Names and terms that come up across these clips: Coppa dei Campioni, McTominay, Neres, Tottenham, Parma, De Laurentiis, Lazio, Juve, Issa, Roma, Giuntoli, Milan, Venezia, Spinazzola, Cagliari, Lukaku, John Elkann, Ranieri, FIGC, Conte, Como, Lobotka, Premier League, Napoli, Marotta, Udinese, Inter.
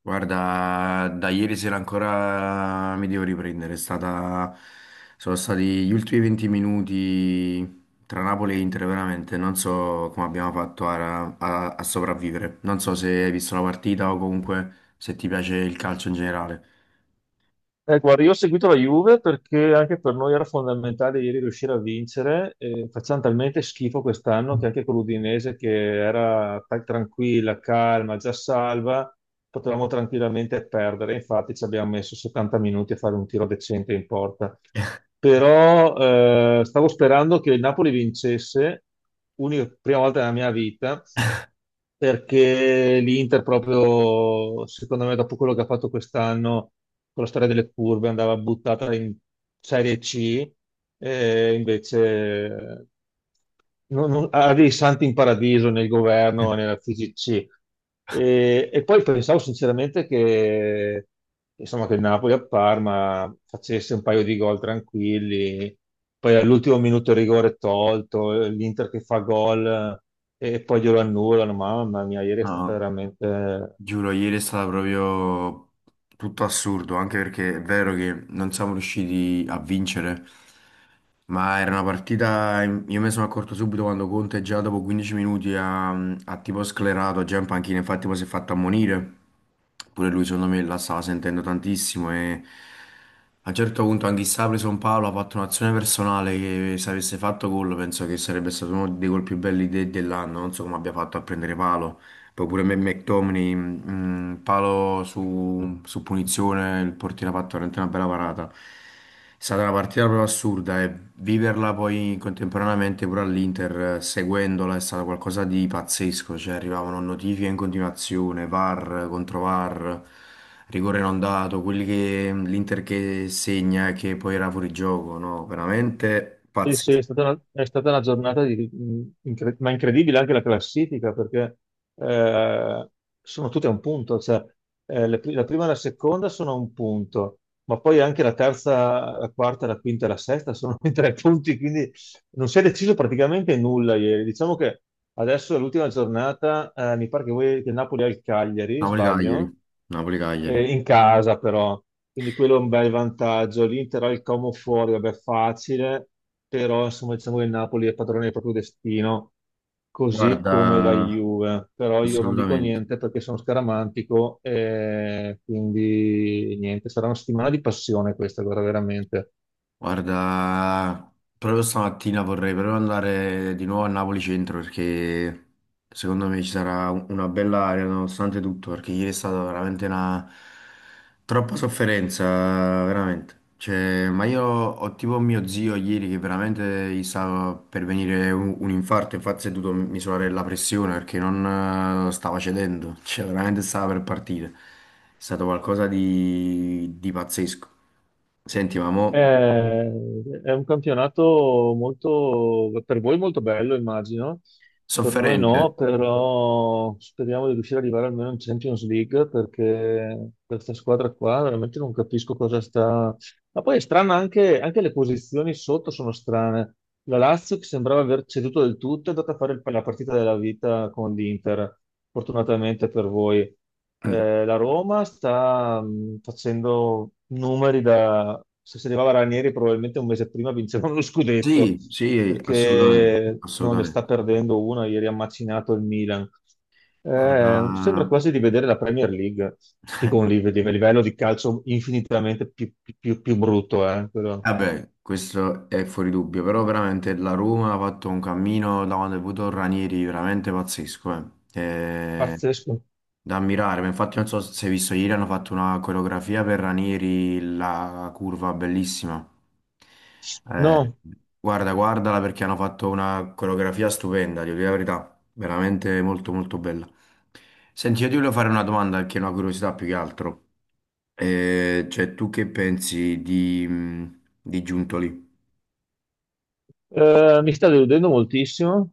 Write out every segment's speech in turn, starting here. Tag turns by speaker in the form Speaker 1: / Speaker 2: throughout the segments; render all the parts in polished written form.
Speaker 1: Guarda, da ieri sera ancora mi devo riprendere. Sono stati gli ultimi 20 minuti tra Napoli e Inter, veramente. Non so come abbiamo fatto a sopravvivere. Non so se hai visto la partita o comunque se ti piace il calcio in generale.
Speaker 2: Guarda, io ho seguito la Juve perché anche per noi era fondamentale ieri riuscire a vincere. Facciamo talmente schifo quest'anno che anche con l'Udinese, che era tranquilla, calma, già salva, potevamo tranquillamente perdere. Infatti ci abbiamo messo 70 minuti a fare un tiro decente in porta. Però stavo sperando che il Napoli vincesse, unica prima volta nella mia vita perché l'Inter proprio, secondo me, dopo quello che ha fatto quest'anno con la storia delle curve, andava buttata in Serie C, e invece ha dei santi in paradiso nel governo e nella FIGC. E poi pensavo sinceramente che, insomma, che il Napoli a Parma facesse un paio di gol tranquilli, poi all'ultimo minuto il rigore tolto, l'Inter che fa gol, e poi glielo annullano. Mamma mia, ieri è stata
Speaker 1: No.
Speaker 2: veramente.
Speaker 1: Giuro, ieri è stato proprio tutto assurdo, anche perché è vero che non siamo riusciti a vincere, ma era una partita, io me ne sono accorto subito quando Conte già dopo 15 minuti ha tipo sclerato, già in panchina, infatti poi si è fatto ammonire, pure lui secondo me la stava sentendo tantissimo e a un certo punto anche Issa ha preso un palo, ha fatto un'azione personale che se avesse fatto gol penso che sarebbe stato uno dei gol più belli dell'anno, non so come abbia fatto a prendere palo. Poi pure McTominay, palo su punizione, il portiere ha fatto veramente una bella parata. È stata una partita proprio assurda e viverla poi contemporaneamente pure all'Inter, seguendola, è stato qualcosa di pazzesco. Cioè arrivavano notifiche in continuazione, VAR contro VAR, rigore non dato, quelli che l'Inter che segna e che poi era fuori gioco, no? Veramente
Speaker 2: Sì, sì, è
Speaker 1: pazzesco.
Speaker 2: stata una giornata ma incredibile anche la classifica perché eh, sono tutte a un punto, cioè, la prima e la seconda sono a un punto, ma poi anche la terza, la quarta, la quinta e la sesta sono in tre punti, quindi non si è deciso praticamente nulla ieri. Diciamo che adesso è l'ultima giornata, mi pare che, voi, che Napoli ha il Cagliari,
Speaker 1: Napoli-Cagliari,
Speaker 2: sbaglio?
Speaker 1: Napoli-Cagliari.
Speaker 2: In casa però, quindi quello è un bel vantaggio. L'Inter ha il Como fuori, vabbè, facile, però insomma diciamo che il Napoli è padrone del proprio destino, così
Speaker 1: Guarda,
Speaker 2: come la Juve. Però io non dico
Speaker 1: assolutamente.
Speaker 2: niente perché sono scaramantico, e quindi niente, sarà una settimana di passione questa, guarda, veramente.
Speaker 1: Guarda, proprio stamattina vorrei proprio andare di nuovo a Napoli Centro perché secondo me ci sarà una bella aria nonostante tutto, perché ieri è stata veramente una troppa sofferenza, veramente. Cioè, ma io ho tipo mio zio ieri che veramente gli stava per venire un infarto, infatti si è dovuto misurare la pressione perché non stava cedendo, cioè veramente stava per partire. È stato qualcosa di pazzesco. Senti, ma mo...
Speaker 2: Eh, è un campionato molto, per voi molto bello, immagino, per noi
Speaker 1: Sofferente.
Speaker 2: no, però speriamo di riuscire ad arrivare almeno in Champions League perché questa squadra qua veramente non capisco cosa sta. Ma poi è strana anche le posizioni sotto sono strane. La Lazio che sembrava aver ceduto del tutto è andata a fare la partita della vita con l'Inter, fortunatamente per voi.
Speaker 1: Mm.
Speaker 2: La Roma sta facendo numeri da. Se si arrivava Ranieri probabilmente un mese prima vinceva uno scudetto,
Speaker 1: Sì, sì, assolutamente,
Speaker 2: perché non ne
Speaker 1: assolutamente.
Speaker 2: sta perdendo una, ieri ha macinato il Milan.
Speaker 1: Guarda,
Speaker 2: Sembra quasi di vedere la Premier League, che con un livello di calcio infinitamente più brutto, quello
Speaker 1: vabbè, questo è fuori dubbio, però veramente la Roma ha fatto un cammino da quando è venuto Ranieri veramente pazzesco, eh.
Speaker 2: pazzesco.
Speaker 1: Da ammirare, ma infatti non so se hai visto ieri hanno fatto una coreografia per Ranieri, la curva bellissima. Eh,
Speaker 2: No,
Speaker 1: Guarda, guardala perché hanno fatto una coreografia stupenda, devo dire la verità, veramente molto molto bella. Senti, io ti volevo fare una domanda che è una curiosità più che altro. Cioè, tu che pensi di Giuntoli?
Speaker 2: mi sta deludendo moltissimo.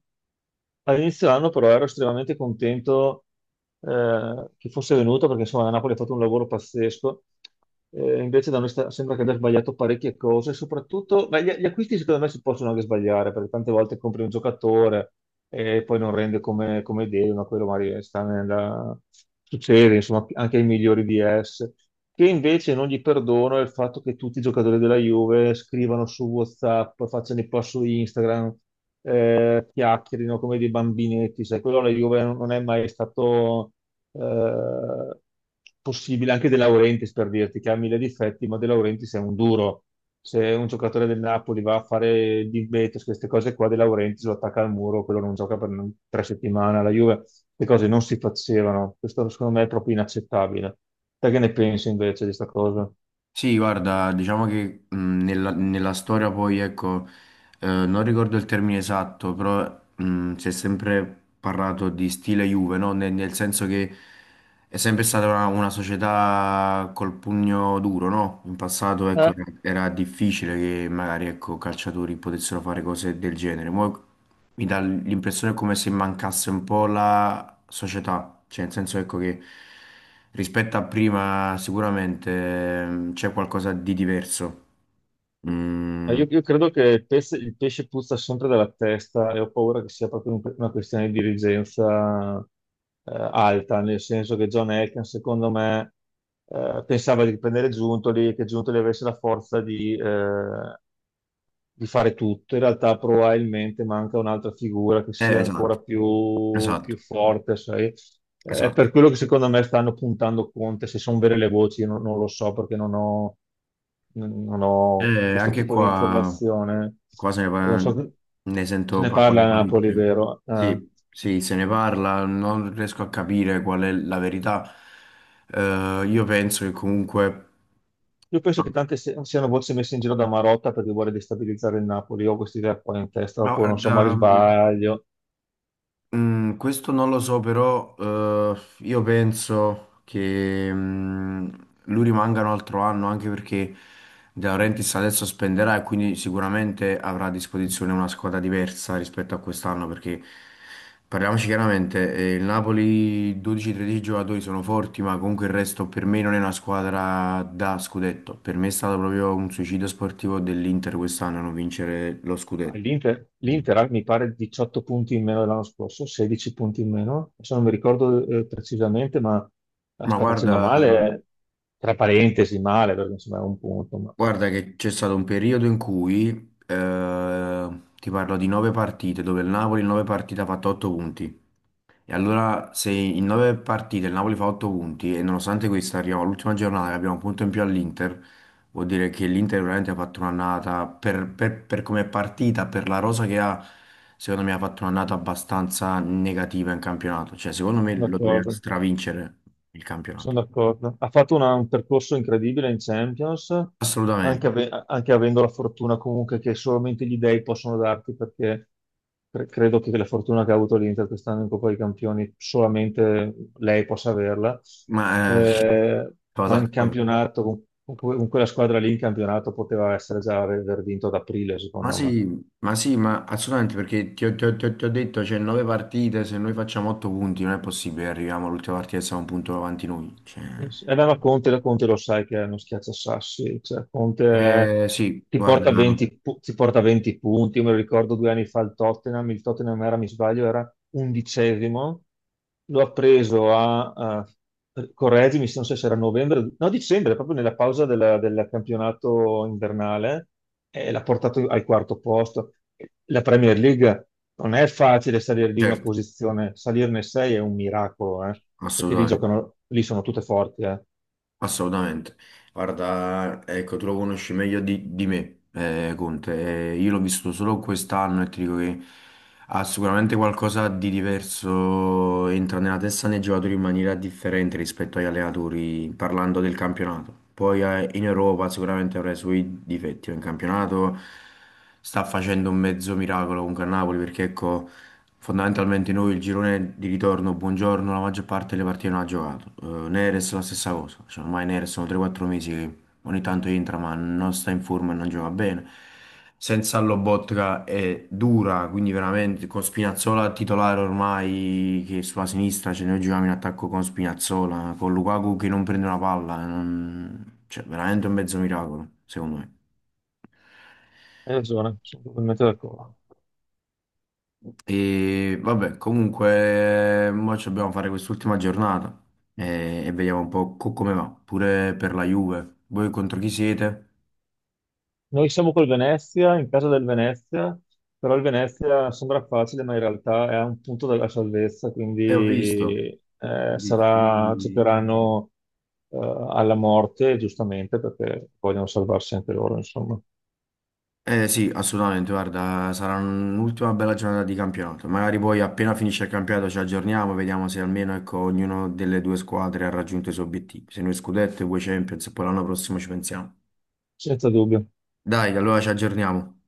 Speaker 2: All'inizio dell'anno però ero estremamente contento che fosse venuto perché insomma la Napoli ha fatto un lavoro pazzesco. Invece da noi sembra che abbia sbagliato parecchie cose, soprattutto beh, gli acquisti secondo me si possono anche sbagliare perché tante volte compri un giocatore e poi non rende come devi, ma quello magari sta nella. Succede insomma anche ai migliori di esse. Che invece non gli perdono è il fatto che tutti i giocatori della Juve scrivano su WhatsApp, facciano i post su Instagram eh,, chiacchierino come dei bambinetti, sai, quello la Juve non è mai stato eh, possibile, anche De Laurentiis per dirti che ha mille difetti, ma De Laurentiis è un duro. Se un giocatore del Napoli va a fare il divetos, queste cose qua, De Laurentiis lo attacca al muro, quello non gioca per 3 settimane. La Juve, le cose non si facevano. Questo secondo me è proprio inaccettabile. Te che ne pensi invece di questa cosa?
Speaker 1: Sì, guarda, diciamo che nella storia poi, ecco, non ricordo il termine esatto, però si è sempre parlato di stile Juve, no? Nel senso che è sempre stata una società col pugno duro, no? In passato, ecco, era difficile che magari, ecco, calciatori potessero fare cose del genere. Mo mi dà l'impressione come se mancasse un po' la società, cioè nel senso ecco che rispetto a prima sicuramente c'è qualcosa di diverso.
Speaker 2: Ma
Speaker 1: Mm,
Speaker 2: Io, io credo che il pesce puzza sempre dalla testa e ho paura che sia proprio una questione di dirigenza alta, nel senso che John Elkann, secondo me, pensava di prendere Giuntoli e che Giuntoli avesse la forza di fare tutto. In realtà probabilmente manca un'altra figura che
Speaker 1: eh,
Speaker 2: sia ancora
Speaker 1: Esatto,
Speaker 2: più
Speaker 1: esatto,
Speaker 2: forte, sai? È per
Speaker 1: esatto.
Speaker 2: quello che secondo me stanno puntando Conte, se sono vere le voci, io non lo so perché non ho questo
Speaker 1: Anche
Speaker 2: tipo di
Speaker 1: qua,
Speaker 2: informazione.
Speaker 1: qua se ne,
Speaker 2: E non
Speaker 1: par-
Speaker 2: so
Speaker 1: ne
Speaker 2: se
Speaker 1: sento
Speaker 2: ne parla
Speaker 1: parlare
Speaker 2: a Napoli,
Speaker 1: parecchio.
Speaker 2: vero? Eh,
Speaker 1: Sì, sì, se ne parla, non riesco a capire qual è la verità. Io penso che comunque...
Speaker 2: io penso che
Speaker 1: No,
Speaker 2: tante siano voci messe in giro da Marotta perché vuole destabilizzare il Napoli. Io ho questa idea qua in testa,
Speaker 1: ma
Speaker 2: oppure non so,
Speaker 1: guarda,
Speaker 2: ma sbaglio.
Speaker 1: Questo non lo so, però io penso che lui rimanga un altro anno anche perché De Laurentiis adesso spenderà e quindi sicuramente avrà a disposizione una squadra diversa rispetto a quest'anno perché parliamoci chiaramente, il Napoli 12-13 giocatori sono forti, ma comunque il resto per me non è una squadra da scudetto. Per me è stato proprio un suicidio sportivo dell'Inter quest'anno non vincere lo
Speaker 2: Ah,
Speaker 1: scudetto.
Speaker 2: L'Inter
Speaker 1: Mm.
Speaker 2: l'Inter ha, mi pare 18 punti in meno dell'anno scorso, 16 punti in meno, adesso non mi ricordo precisamente, ma la
Speaker 1: Ma
Speaker 2: sta
Speaker 1: vabbè,
Speaker 2: facendo
Speaker 1: guarda, questo.
Speaker 2: male, tra parentesi male, perché insomma è un punto, ma
Speaker 1: Guarda che c'è stato un periodo in cui, ti parlo di nove partite, dove il Napoli in nove partite ha fatto otto punti. E allora se in nove partite il Napoli fa otto punti e nonostante questo arriviamo all'ultima giornata che abbiamo un punto in più all'Inter, vuol dire che l'Inter veramente ha fatto un'annata, per come è partita, per la rosa che ha, secondo me ha fatto un'annata abbastanza negativa in campionato. Cioè secondo me
Speaker 2: sono
Speaker 1: lo doveva
Speaker 2: d'accordo.
Speaker 1: stravincere il campionato.
Speaker 2: Sono d'accordo. Ha fatto un percorso incredibile in Champions, anche,
Speaker 1: Assolutamente.
Speaker 2: ave- anche avendo la fortuna comunque che solamente gli dei possono darti, perché credo che la fortuna che ha avuto l'Inter quest'anno in Coppa dei Campioni solamente lei possa averla.
Speaker 1: Ma...
Speaker 2: Eh,
Speaker 1: sono
Speaker 2: ma in
Speaker 1: d'accordo.
Speaker 2: campionato, con quella squadra lì in campionato poteva essere già aver vinto ad aprile,
Speaker 1: Ma
Speaker 2: secondo me.
Speaker 1: sì, ma sì, ma assolutamente perché ti ho detto, c'è nove partite, se noi facciamo otto punti non è possibile, arriviamo all'ultima partita e siamo un punto avanti noi. Cioè.
Speaker 2: Era la Conte lo sai che è uno schiacciasassi, cioè Conte
Speaker 1: Eh sì,
Speaker 2: ti
Speaker 1: guarda,
Speaker 2: porta 20, pu- ti porta 20 punti, io me lo ricordo 2 anni fa il Tottenham era, mi sbaglio, era 11°, lo ha preso a, a correggimi se non so se era novembre, no dicembre, proprio nella pausa del campionato invernale, e l'ha portato al quarto posto. La Premier League non è facile salire di una
Speaker 1: certo,
Speaker 2: posizione, salirne sei è un miracolo, perché lì
Speaker 1: assolutamente,
Speaker 2: giocano, lì sono tutte forti.
Speaker 1: assolutamente. Guarda, ecco, tu lo conosci meglio di me, Conte, io l'ho visto solo quest'anno e ti dico che... Ha sicuramente qualcosa di diverso, entra nella testa dei giocatori in maniera differente rispetto agli allenatori, parlando del campionato. Poi in Europa sicuramente avrà i suoi difetti, ma in campionato sta facendo un mezzo miracolo comunque a Napoli, perché ecco, fondamentalmente noi il girone di ritorno, buongiorno, la maggior parte delle partite non ha giocato. Neres la stessa cosa, cioè, ormai Neres sono 3-4 mesi. Ogni tanto entra, ma non sta in forma e non gioca bene. Senza Lobotka è dura, quindi veramente con Spinazzola titolare ormai, che sulla sinistra ce noi giochiamo in attacco con Spinazzola, con Lukaku che non prende una palla, cioè veramente un mezzo miracolo, secondo me.
Speaker 2: Hai ragione, sono totalmente d'accordo.
Speaker 1: E vabbè, comunque, mo ci dobbiamo fare quest'ultima giornata e vediamo un po' come va, pure per la Juve. Voi contro chi siete?
Speaker 2: Noi siamo col Venezia, in casa del Venezia, però il Venezia sembra facile, ma in realtà è a un punto della salvezza, quindi
Speaker 1: E ho visto, ho visto.
Speaker 2: cercheranno alla morte, giustamente, perché vogliono salvarsi anche loro, insomma,
Speaker 1: Eh sì, assolutamente, guarda, sarà un'ultima bella giornata di campionato. Magari poi appena finisce il campionato ci aggiorniamo, vediamo se almeno ecco, ognuno delle due squadre ha raggiunto i suoi obiettivi. Se noi scudetto e voi Champions, e poi l'anno prossimo ci pensiamo.
Speaker 2: senza dubbio.
Speaker 1: Dai, allora ci aggiorniamo.